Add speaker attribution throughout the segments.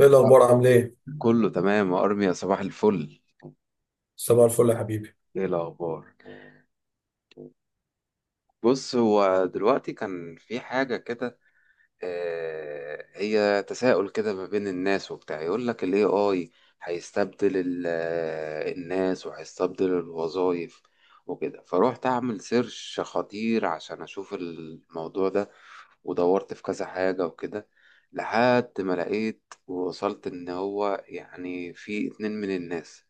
Speaker 1: ايه
Speaker 2: أه،
Speaker 1: الاخبار عامل ايه؟
Speaker 2: كله تمام يا ارميا، صباح الفل.
Speaker 1: صباح الفل يا حبيبي.
Speaker 2: ايه الاخبار؟ بص، هو دلوقتي كان في حاجه كده. هي تساؤل كده ما بين الناس وبتاع، يقول لك ال AI هيستبدل الناس وهيستبدل الوظائف وكده. فروحت أعمل سيرش خطير عشان أشوف الموضوع ده، ودورت في كذا حاجة وكده لحد ما لقيت ووصلت إن هو يعني في اتنين من الناس.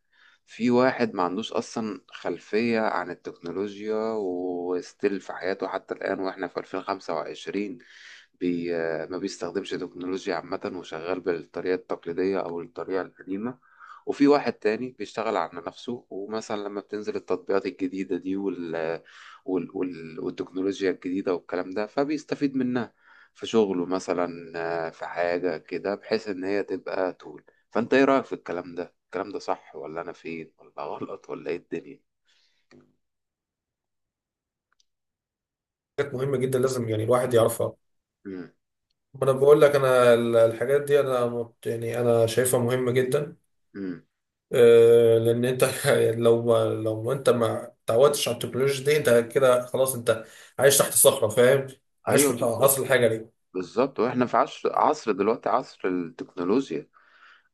Speaker 2: في واحد ما عندوش أصلا خلفية عن التكنولوجيا، وستيل في حياته حتى الآن، وإحنا في 2025، بي ما بيستخدمش تكنولوجيا عامة وشغال بالطريقة التقليدية أو الطريقة القديمة. وفي واحد تاني بيشتغل على نفسه، ومثلا لما بتنزل التطبيقات الجديدة دي والتكنولوجيا الجديدة والكلام ده، فبيستفيد منها في شغله مثلا. في حاجة كده بحيث إن هي تبقى طول. فأنت إيه رأيك في الكلام ده؟ الكلام ده صح، ولا أنا فين، ولا غلط، ولا إيه الدنيا؟
Speaker 1: حاجات مهمه جدا، لازم يعني الواحد يعرفها.
Speaker 2: مم.
Speaker 1: ما انا بقول لك انا الحاجات دي انا يعني انا شايفها مهمه جدا.
Speaker 2: مم.
Speaker 1: لان انت لو ما انت ما تعودتش على التكنولوجيا دي، انت كده خلاص، انت عايش تحت صخره، فاهم؟ عايش في
Speaker 2: أيوه بالظبط.
Speaker 1: عصر الحجري.
Speaker 2: بالظبط، وإحنا في عصر دلوقتي، عصر التكنولوجيا.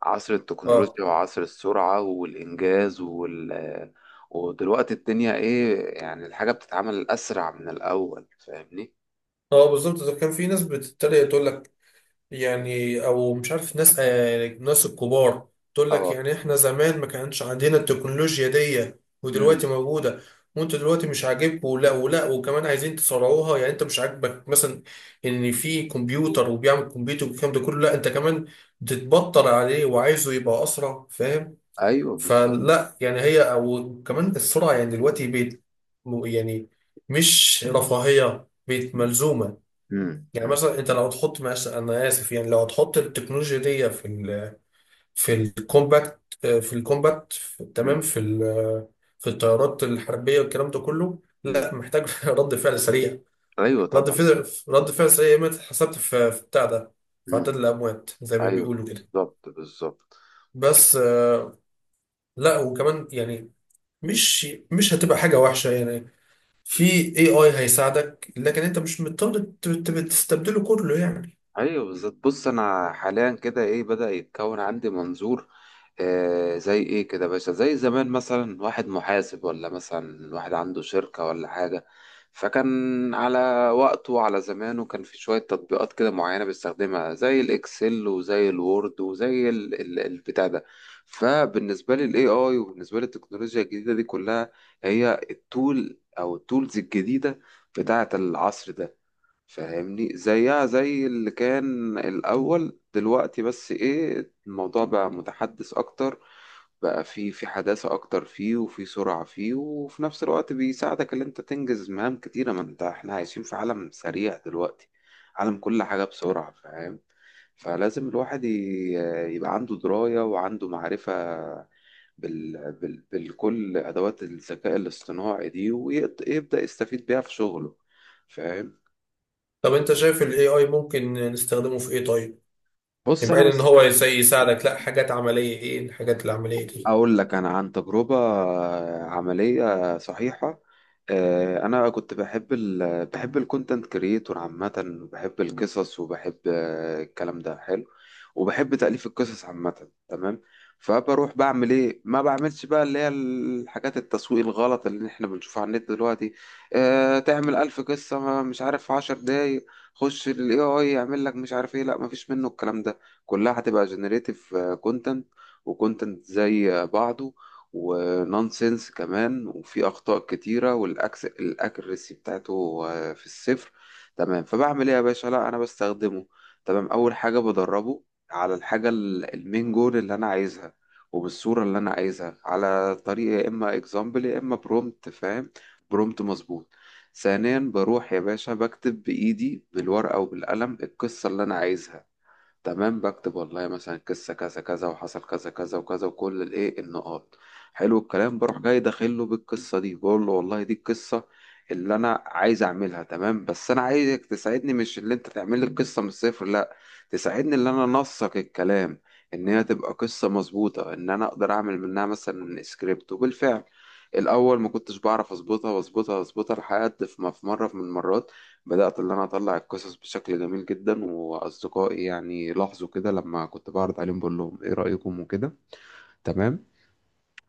Speaker 2: عصر
Speaker 1: اه
Speaker 2: التكنولوجيا وعصر السرعة والإنجاز ودلوقتي الدنيا إيه، يعني الحاجة بتتعمل أسرع من الأول، فاهمني؟
Speaker 1: اه بالظبط. ده كان في ناس بتتريق، تقول لك يعني، او مش عارف، ناس آه ناس الكبار تقول لك،
Speaker 2: اه.
Speaker 1: يعني احنا زمان ما كانش عندنا التكنولوجيا دي،
Speaker 2: امم.
Speaker 1: ودلوقتي موجوده، وانتوا دلوقتي مش عاجبكم، ولا وكمان عايزين تسرعوها. يعني انت مش عاجبك مثلا ان في كمبيوتر وبيعمل كمبيوتر والكلام ده كله، لا انت كمان بتتبطر عليه وعايزه يبقى اسرع، فاهم؟
Speaker 2: أيوه بالظبط.
Speaker 1: فلا يعني هي او كمان السرعه يعني دلوقتي بقت، يعني مش رفاهيه، بقت
Speaker 2: امم.
Speaker 1: ملزومه.
Speaker 2: امم.
Speaker 1: يعني
Speaker 2: امم.
Speaker 1: مثلا انت لو تحط مثلا، انا اسف يعني، لو تحط التكنولوجيا دي في ال في الكومباكت، في الكومباكت تمام، في في الطيارات الحربيه والكلام ده كله،
Speaker 2: امم.
Speaker 1: لا، محتاج رد فعل سريع.
Speaker 2: أيوه طبعا.
Speaker 1: رد فعل سريع، ما اتحسبت في بتاع ده، في عدد
Speaker 2: امم.
Speaker 1: الاموات زي ما
Speaker 2: أيوه
Speaker 1: بيقولوا كده.
Speaker 2: بالظبط. بالظبط. بالظبط.
Speaker 1: بس لا وكمان يعني مش مش هتبقى حاجه وحشه يعني. في، اي اي هيساعدك، لكن انت مش مضطر تستبدله كله يعني.
Speaker 2: ايوه بالظبط. بص، انا حاليا كده ايه، بدأ يتكون عندي منظور. آه، زي ايه كده يا باشا، زي زمان مثلا واحد محاسب، ولا مثلا واحد عنده شركة ولا حاجة، فكان على وقته وعلى زمانه كان في شوية تطبيقات كده معينة بيستخدمها، زي الاكسل وزي الوورد وزي البتاع ده. فبالنسبة لي الاي اي، وبالنسبة لي التكنولوجيا الجديدة دي كلها، هي التول او التولز الجديدة بتاعة العصر ده. فاهمني؟ زيها زي اللي كان الأول دلوقتي، بس إيه، الموضوع بقى متحدث أكتر، بقى في حداثة أكتر فيه وفي سرعة فيه، وفي نفس الوقت بيساعدك إن أنت تنجز مهام كتيرة، ما أنت إحنا عايشين في عالم سريع دلوقتي، عالم كل حاجة بسرعة، فاهم؟ فلازم الواحد يبقى عنده دراية وعنده معرفة بالكل أدوات الذكاء الاصطناعي دي، ويبدأ يستفيد بيها في شغله، فاهم؟
Speaker 1: طب انت شايف ال AI ممكن نستخدمه في ايه طيب؟
Speaker 2: بص،
Speaker 1: يعني
Speaker 2: أنا
Speaker 1: بعيد ان
Speaker 2: بس
Speaker 1: هو زي يساعدك، لا، حاجات عملية. ايه الحاجات العملية دي؟
Speaker 2: أقول لك أنا عن تجربة عملية صحيحة. أنا كنت بحب بحب الكونتنت كريتور عامة، وبحب القصص، وبحب الكلام ده حلو، وبحب تأليف القصص عامة، تمام. فبروح بعمل إيه؟ ما بعملش بقى اللي هي الحاجات التسويق الغلط اللي إحنا بنشوفها على النت دلوقتي. تعمل ألف قصة، مش عارف، في عشر دقايق. خش ال AI يعمل لك مش عارف إيه. لا، مفيش منه الكلام ده، كلها هتبقى جنريتيف كونتنت، وكونتنت زي بعضه، ونونسنس كمان، وفي أخطاء كتيرة، والأكس الأكريسي بتاعته في الصفر. تمام، فبعمل إيه يا باشا؟ لا، أنا بستخدمه. تمام، أول حاجة بدربه على الحاجة المين جول اللي أنا عايزها، وبالصورة اللي أنا عايزها، على طريقة يا إما إكزامبل يا إما برومت، فاهم؟ برومت مظبوط. ثانيا، بروح يا باشا بكتب بإيدي بالورقة وبالقلم القصة اللي أنا عايزها، تمام. بكتب والله مثلا قصة كذا كذا وحصل كذا كذا وكذا، وكل الايه النقاط. حلو الكلام، بروح جاي داخله بالقصة دي، بقول له والله دي القصة اللي انا عايز اعملها، تمام، بس انا عايزك تساعدني، مش اللي انت تعمل لي القصة من الصفر، لا، تساعدني اللي انا انسق الكلام، ان هي تبقى قصة مظبوطة، ان انا اقدر اعمل منها مثلا سكريبت. وبالفعل، الاول ما كنتش بعرف اظبطها واظبطها واظبطها، لحد في ما في مرة من المرات بدأت اللي أنا أطلع القصص بشكل جميل جدا، وأصدقائي يعني لاحظوا كده لما كنت بعرض عليهم، بقول لهم إيه رأيكم وكده، تمام.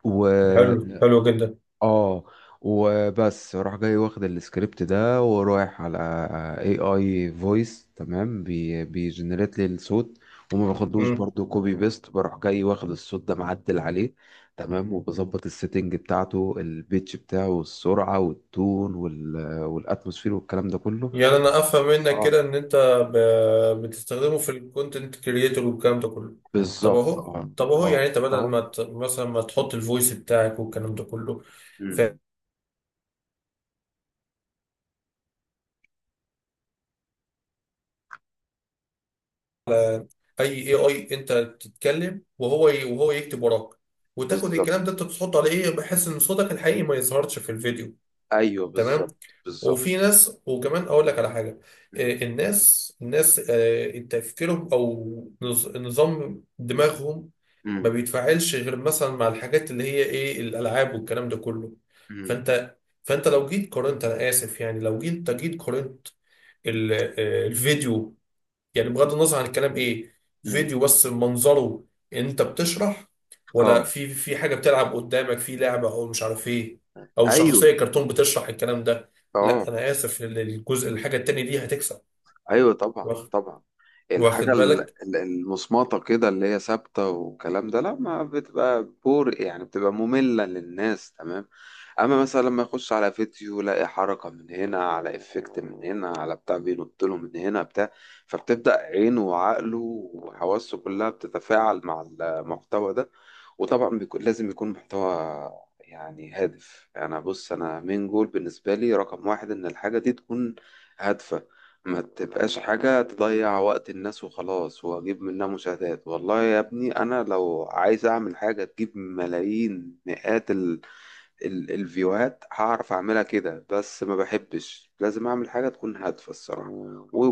Speaker 2: و
Speaker 1: حلو، حلو جدا.
Speaker 2: آه وبس راح جاي واخد السكريبت ده ورايح على اي اي فويس، تمام، بي بيجنريت لي الصوت، وما باخدوش
Speaker 1: امم،
Speaker 2: برضو كوبي بيست، بروح جاي واخد الصوت ده معدل عليه، تمام، وبظبط السيتنج بتاعته، البيتش بتاعه والسرعة والتون والاتموسفير والكلام ده كله.
Speaker 1: يعني انا افهم منك
Speaker 2: اه
Speaker 1: كده ان انت بتستخدمه في الكونتنت كريتور والكلام ده كله. طب
Speaker 2: بالظبط.
Speaker 1: اهو،
Speaker 2: اه.
Speaker 1: طب اهو
Speaker 2: اه
Speaker 1: يعني انت بدل
Speaker 2: اهو.
Speaker 1: ما مثلا ما تحط الفويس بتاعك والكلام ده كله، في
Speaker 2: مم.
Speaker 1: اي AI انت تتكلم وهو يكتب وراك، وتاخد الكلام ده
Speaker 2: بالظبط.
Speaker 1: انت تحطه على ايه، بحيث ان صوتك الحقيقي ما يظهرش في الفيديو.
Speaker 2: ايوه
Speaker 1: تمام.
Speaker 2: بالظبط بالظبط.
Speaker 1: وفي ناس، وكمان اقول لك على حاجه.
Speaker 2: مم.
Speaker 1: الناس، تفكيرهم او نظام دماغهم ما
Speaker 2: مم.
Speaker 1: بيتفاعلش غير مثلا مع الحاجات اللي هي ايه، الالعاب والكلام ده كله.
Speaker 2: مم.
Speaker 1: فانت، فانت لو جيت قارنت انا اسف يعني، لو جيت قارنت الفيديو، يعني بغض النظر عن الكلام ايه،
Speaker 2: مم.
Speaker 1: فيديو بس منظره، انت بتشرح، ولا
Speaker 2: اه.
Speaker 1: في في حاجه بتلعب قدامك، في لعبه او مش عارف ايه، او
Speaker 2: ايوه.
Speaker 1: شخصيه كرتون بتشرح الكلام ده. لا
Speaker 2: اه.
Speaker 1: انا اسف، ال- الجزء الحاجه التانيه دي هتكسب.
Speaker 2: ايوه طبعا
Speaker 1: واخ-
Speaker 2: طبعا. الحاجه
Speaker 1: واخد بالك؟
Speaker 2: المصمطه كده اللي هي ثابته والكلام ده، لا ما بتبقى بور، يعني بتبقى ممله للناس، تمام. اما مثلا لما يخش على فيديو، لاقي حركه من هنا، على افكت من هنا، على بتاع بينط له من هنا بتاع، فبتبدا عينه وعقله وحواسه كلها بتتفاعل مع المحتوى ده. وطبعا بيكون لازم يكون محتوى يعني هادف. انا بص، انا مين جول بالنسبه لي رقم واحد، ان الحاجه دي تكون هادفه، ما تبقاش حاجه تضيع وقت الناس وخلاص واجيب منها مشاهدات. والله يا ابني، انا لو عايز اعمل حاجه تجيب ملايين مئات ال الفيوهات هعرف اعملها كده، بس ما بحبش، لازم اعمل حاجه تكون هادفه الصراحه.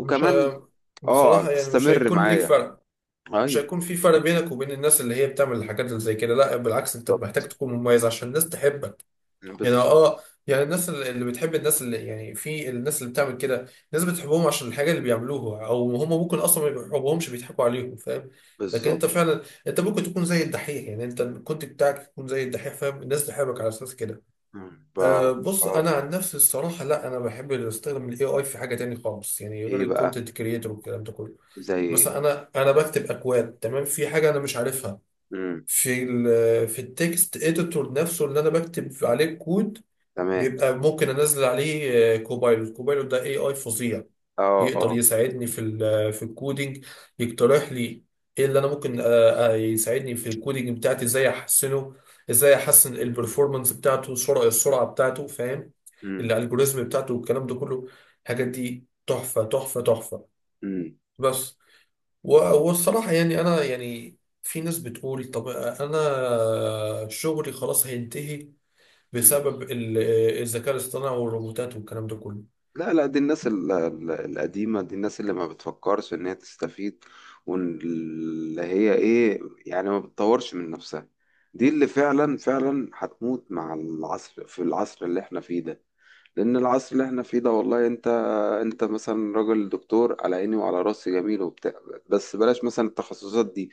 Speaker 1: مش ه-
Speaker 2: اه،
Speaker 1: بصراحه يعني مش
Speaker 2: تستمر
Speaker 1: هيكون ليك
Speaker 2: معايا.
Speaker 1: فرق. مش
Speaker 2: ايوه
Speaker 1: هيكون في فرق بينك وبين الناس اللي هي بتعمل الحاجات اللي زي كده، لا بالعكس، انت محتاج
Speaker 2: بالظبط
Speaker 1: تكون مميز عشان الناس تحبك. يعني
Speaker 2: بالظبط
Speaker 1: اه، يعني الناس اللي بتحب الناس اللي يعني، في الناس اللي بتعمل كده، الناس بتحبهم عشان الحاجه اللي بيعملوها، او هم ممكن اصلا ما بيحبوهمش، بيضحكوا عليهم، فاهم؟ لكن انت
Speaker 2: بالظبط.
Speaker 1: فعلا، انت ممكن تكون زي الدحيح، يعني انت الكونت بتاعك يكون زي الدحيح، فاهم؟ الناس تحبك على اساس كده.
Speaker 2: مم. ف
Speaker 1: أه، بص انا
Speaker 2: اه
Speaker 1: عن نفسي الصراحه لا، انا بحب استخدم الاي اي في حاجه تاني خالص، يعني غير
Speaker 2: ايه بقى؟
Speaker 1: الكونتنت كريتور والكلام ده كله.
Speaker 2: زي ايه؟
Speaker 1: مثلا انا، انا بكتب اكواد تمام، في حاجه انا مش عارفها،
Speaker 2: امم.
Speaker 1: في ال، في التكست اديتور نفسه اللي انا بكتب عليه الكود،
Speaker 2: تمام.
Speaker 1: بيبقى ممكن انزل عليه كوبايلوت. كوبايلوت ده اي اي فظيع،
Speaker 2: اه.
Speaker 1: يقدر
Speaker 2: اه.
Speaker 1: يساعدني في في الكودينج، يقترح لي ايه اللي انا ممكن، يساعدني في الكودينج بتاعتي، ازاي احسنه، ازاي احسن البرفورمانس بتاعته، السرعه بتاعته، فاهم؟
Speaker 2: امم.
Speaker 1: الالجوريزم بتاعته والكلام ده كله. الحاجات دي تحفه تحفه.
Speaker 2: امم.
Speaker 1: بس، و- والصراحه يعني انا يعني، في ناس بتقول طب انا شغلي خلاص هينتهي
Speaker 2: امم.
Speaker 1: بسبب الذكاء الاصطناعي والروبوتات والكلام ده كله.
Speaker 2: لا لا، دي الناس القديمة دي، الناس اللي ما بتفكرش ان هي تستفيد، واللي هي ايه، يعني ما بتطورش من نفسها. دي اللي فعلا فعلا هتموت مع العصر، في العصر اللي احنا فيه ده. لان العصر اللي احنا فيه ده والله، انت انت مثلا راجل دكتور، على عيني وعلى راسي جميل وبتاع. بس بلاش مثلا التخصصات دي،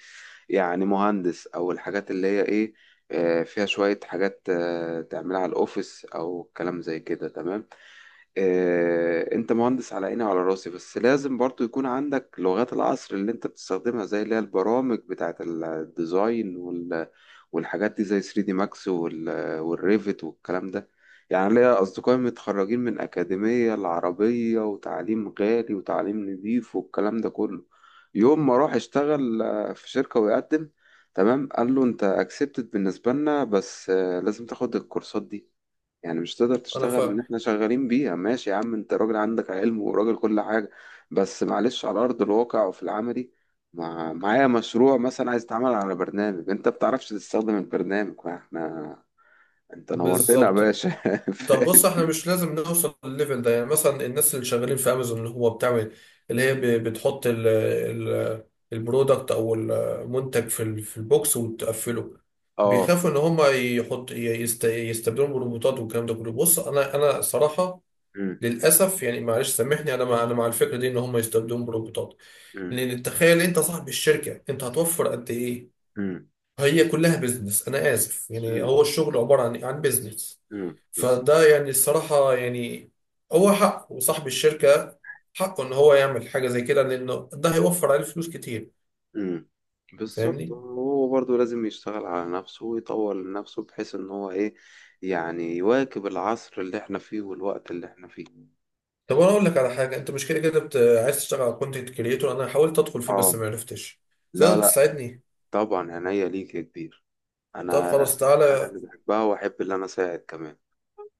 Speaker 2: يعني مهندس او الحاجات اللي هي ايه، فيها شوية حاجات تعملها على الاوفيس او كلام زي كده، تمام. انت مهندس على عيني وعلى راسي، بس لازم برضو يكون عندك لغات العصر اللي انت بتستخدمها، زي اللي هي البرامج بتاعت الديزاين والحاجات دي زي 3 دي ماكس والريفت والكلام ده. يعني ليا اصدقائي متخرجين من اكاديمية العربية، وتعليم غالي وتعليم نظيف والكلام ده كله. يوم ما راح اشتغل في شركة ويقدم، تمام، قال له انت اكسبتد بالنسبة لنا، بس لازم تاخد الكورسات دي، يعني مش تقدر
Speaker 1: انا
Speaker 2: تشتغل لان
Speaker 1: فاهم.
Speaker 2: احنا شغالين بيها. ماشي يا عم، انت راجل عندك علم وراجل كل حاجة، بس معلش، على ارض الواقع وفي العملي معايا مشروع مثلا عايز اتعمل على برنامج، انت بتعرفش تستخدم البرنامج، ما احنا انت نورتنا يا
Speaker 1: بالظبط.
Speaker 2: باشا.
Speaker 1: طب بص،
Speaker 2: فاهم؟
Speaker 1: احنا مش لازم نوصل للليفل ده. يعني مثلا الناس اللي شغالين في امازون، اللي هو بتعمل، اللي هي بتحط ال البرودكت او المنتج في في البوكس وتقفله،
Speaker 2: اه.
Speaker 1: بيخافوا ان هم يستبدلوا بالروبوتات والكلام ده كله. بص انا، انا صراحة
Speaker 2: أمم.
Speaker 1: للاسف يعني، معلش سامحني، انا مع، انا مع الفكرة دي ان هم يستبدلوا بالروبوتات.
Speaker 2: أمم.
Speaker 1: لان تخيل انت صاحب الشركة، انت هتوفر قد ايه؟
Speaker 2: أمم.
Speaker 1: هي كلها بيزنس، انا اسف يعني،
Speaker 2: أمم.
Speaker 1: هو الشغل عباره عن بيزنس.
Speaker 2: أمم.
Speaker 1: فده يعني الصراحه يعني، هو حقه، وصاحب الشركه حقه ان هو يعمل حاجه زي كده، لانه ده هيوفر عليه فلوس كتير،
Speaker 2: أمم. بالظبط،
Speaker 1: فاهمني؟
Speaker 2: هو برضه لازم يشتغل على نفسه ويطور من نفسه، بحيث ان هو ايه، يعني يواكب العصر اللي احنا فيه والوقت اللي احنا فيه.
Speaker 1: طب انا اقول لك على حاجه، انت مش كده كده عايز تشتغل على كونتنت كريتور؟ انا حاولت ادخل فيه
Speaker 2: اه.
Speaker 1: بس ما عرفتش،
Speaker 2: لا
Speaker 1: تقدر
Speaker 2: لا.
Speaker 1: تساعدني؟
Speaker 2: طبعا، عينيا ليك يا كبير.
Speaker 1: طب
Speaker 2: انا
Speaker 1: خلاص
Speaker 2: الحاجه
Speaker 1: تعالى،
Speaker 2: اللي بحبها، واحب اللي انا اساعد كمان،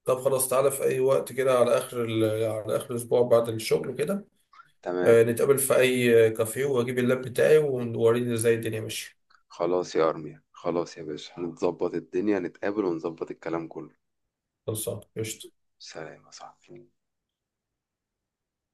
Speaker 1: طب خلاص تعالى في اي وقت كده، على اخر على اخر الاسبوع بعد الشغل كده،
Speaker 2: تمام.
Speaker 1: نتقابل في اي كافيه واجيب اللاب بتاعي ووريني ازاي الدنيا ماشيه.
Speaker 2: خلاص يا ارميا، خلاص يا باشا، نتظبط الدنيا، نتقابل ونظبط الكلام كله.
Speaker 1: خلصان قشطه.
Speaker 2: سلام يا صاحبي.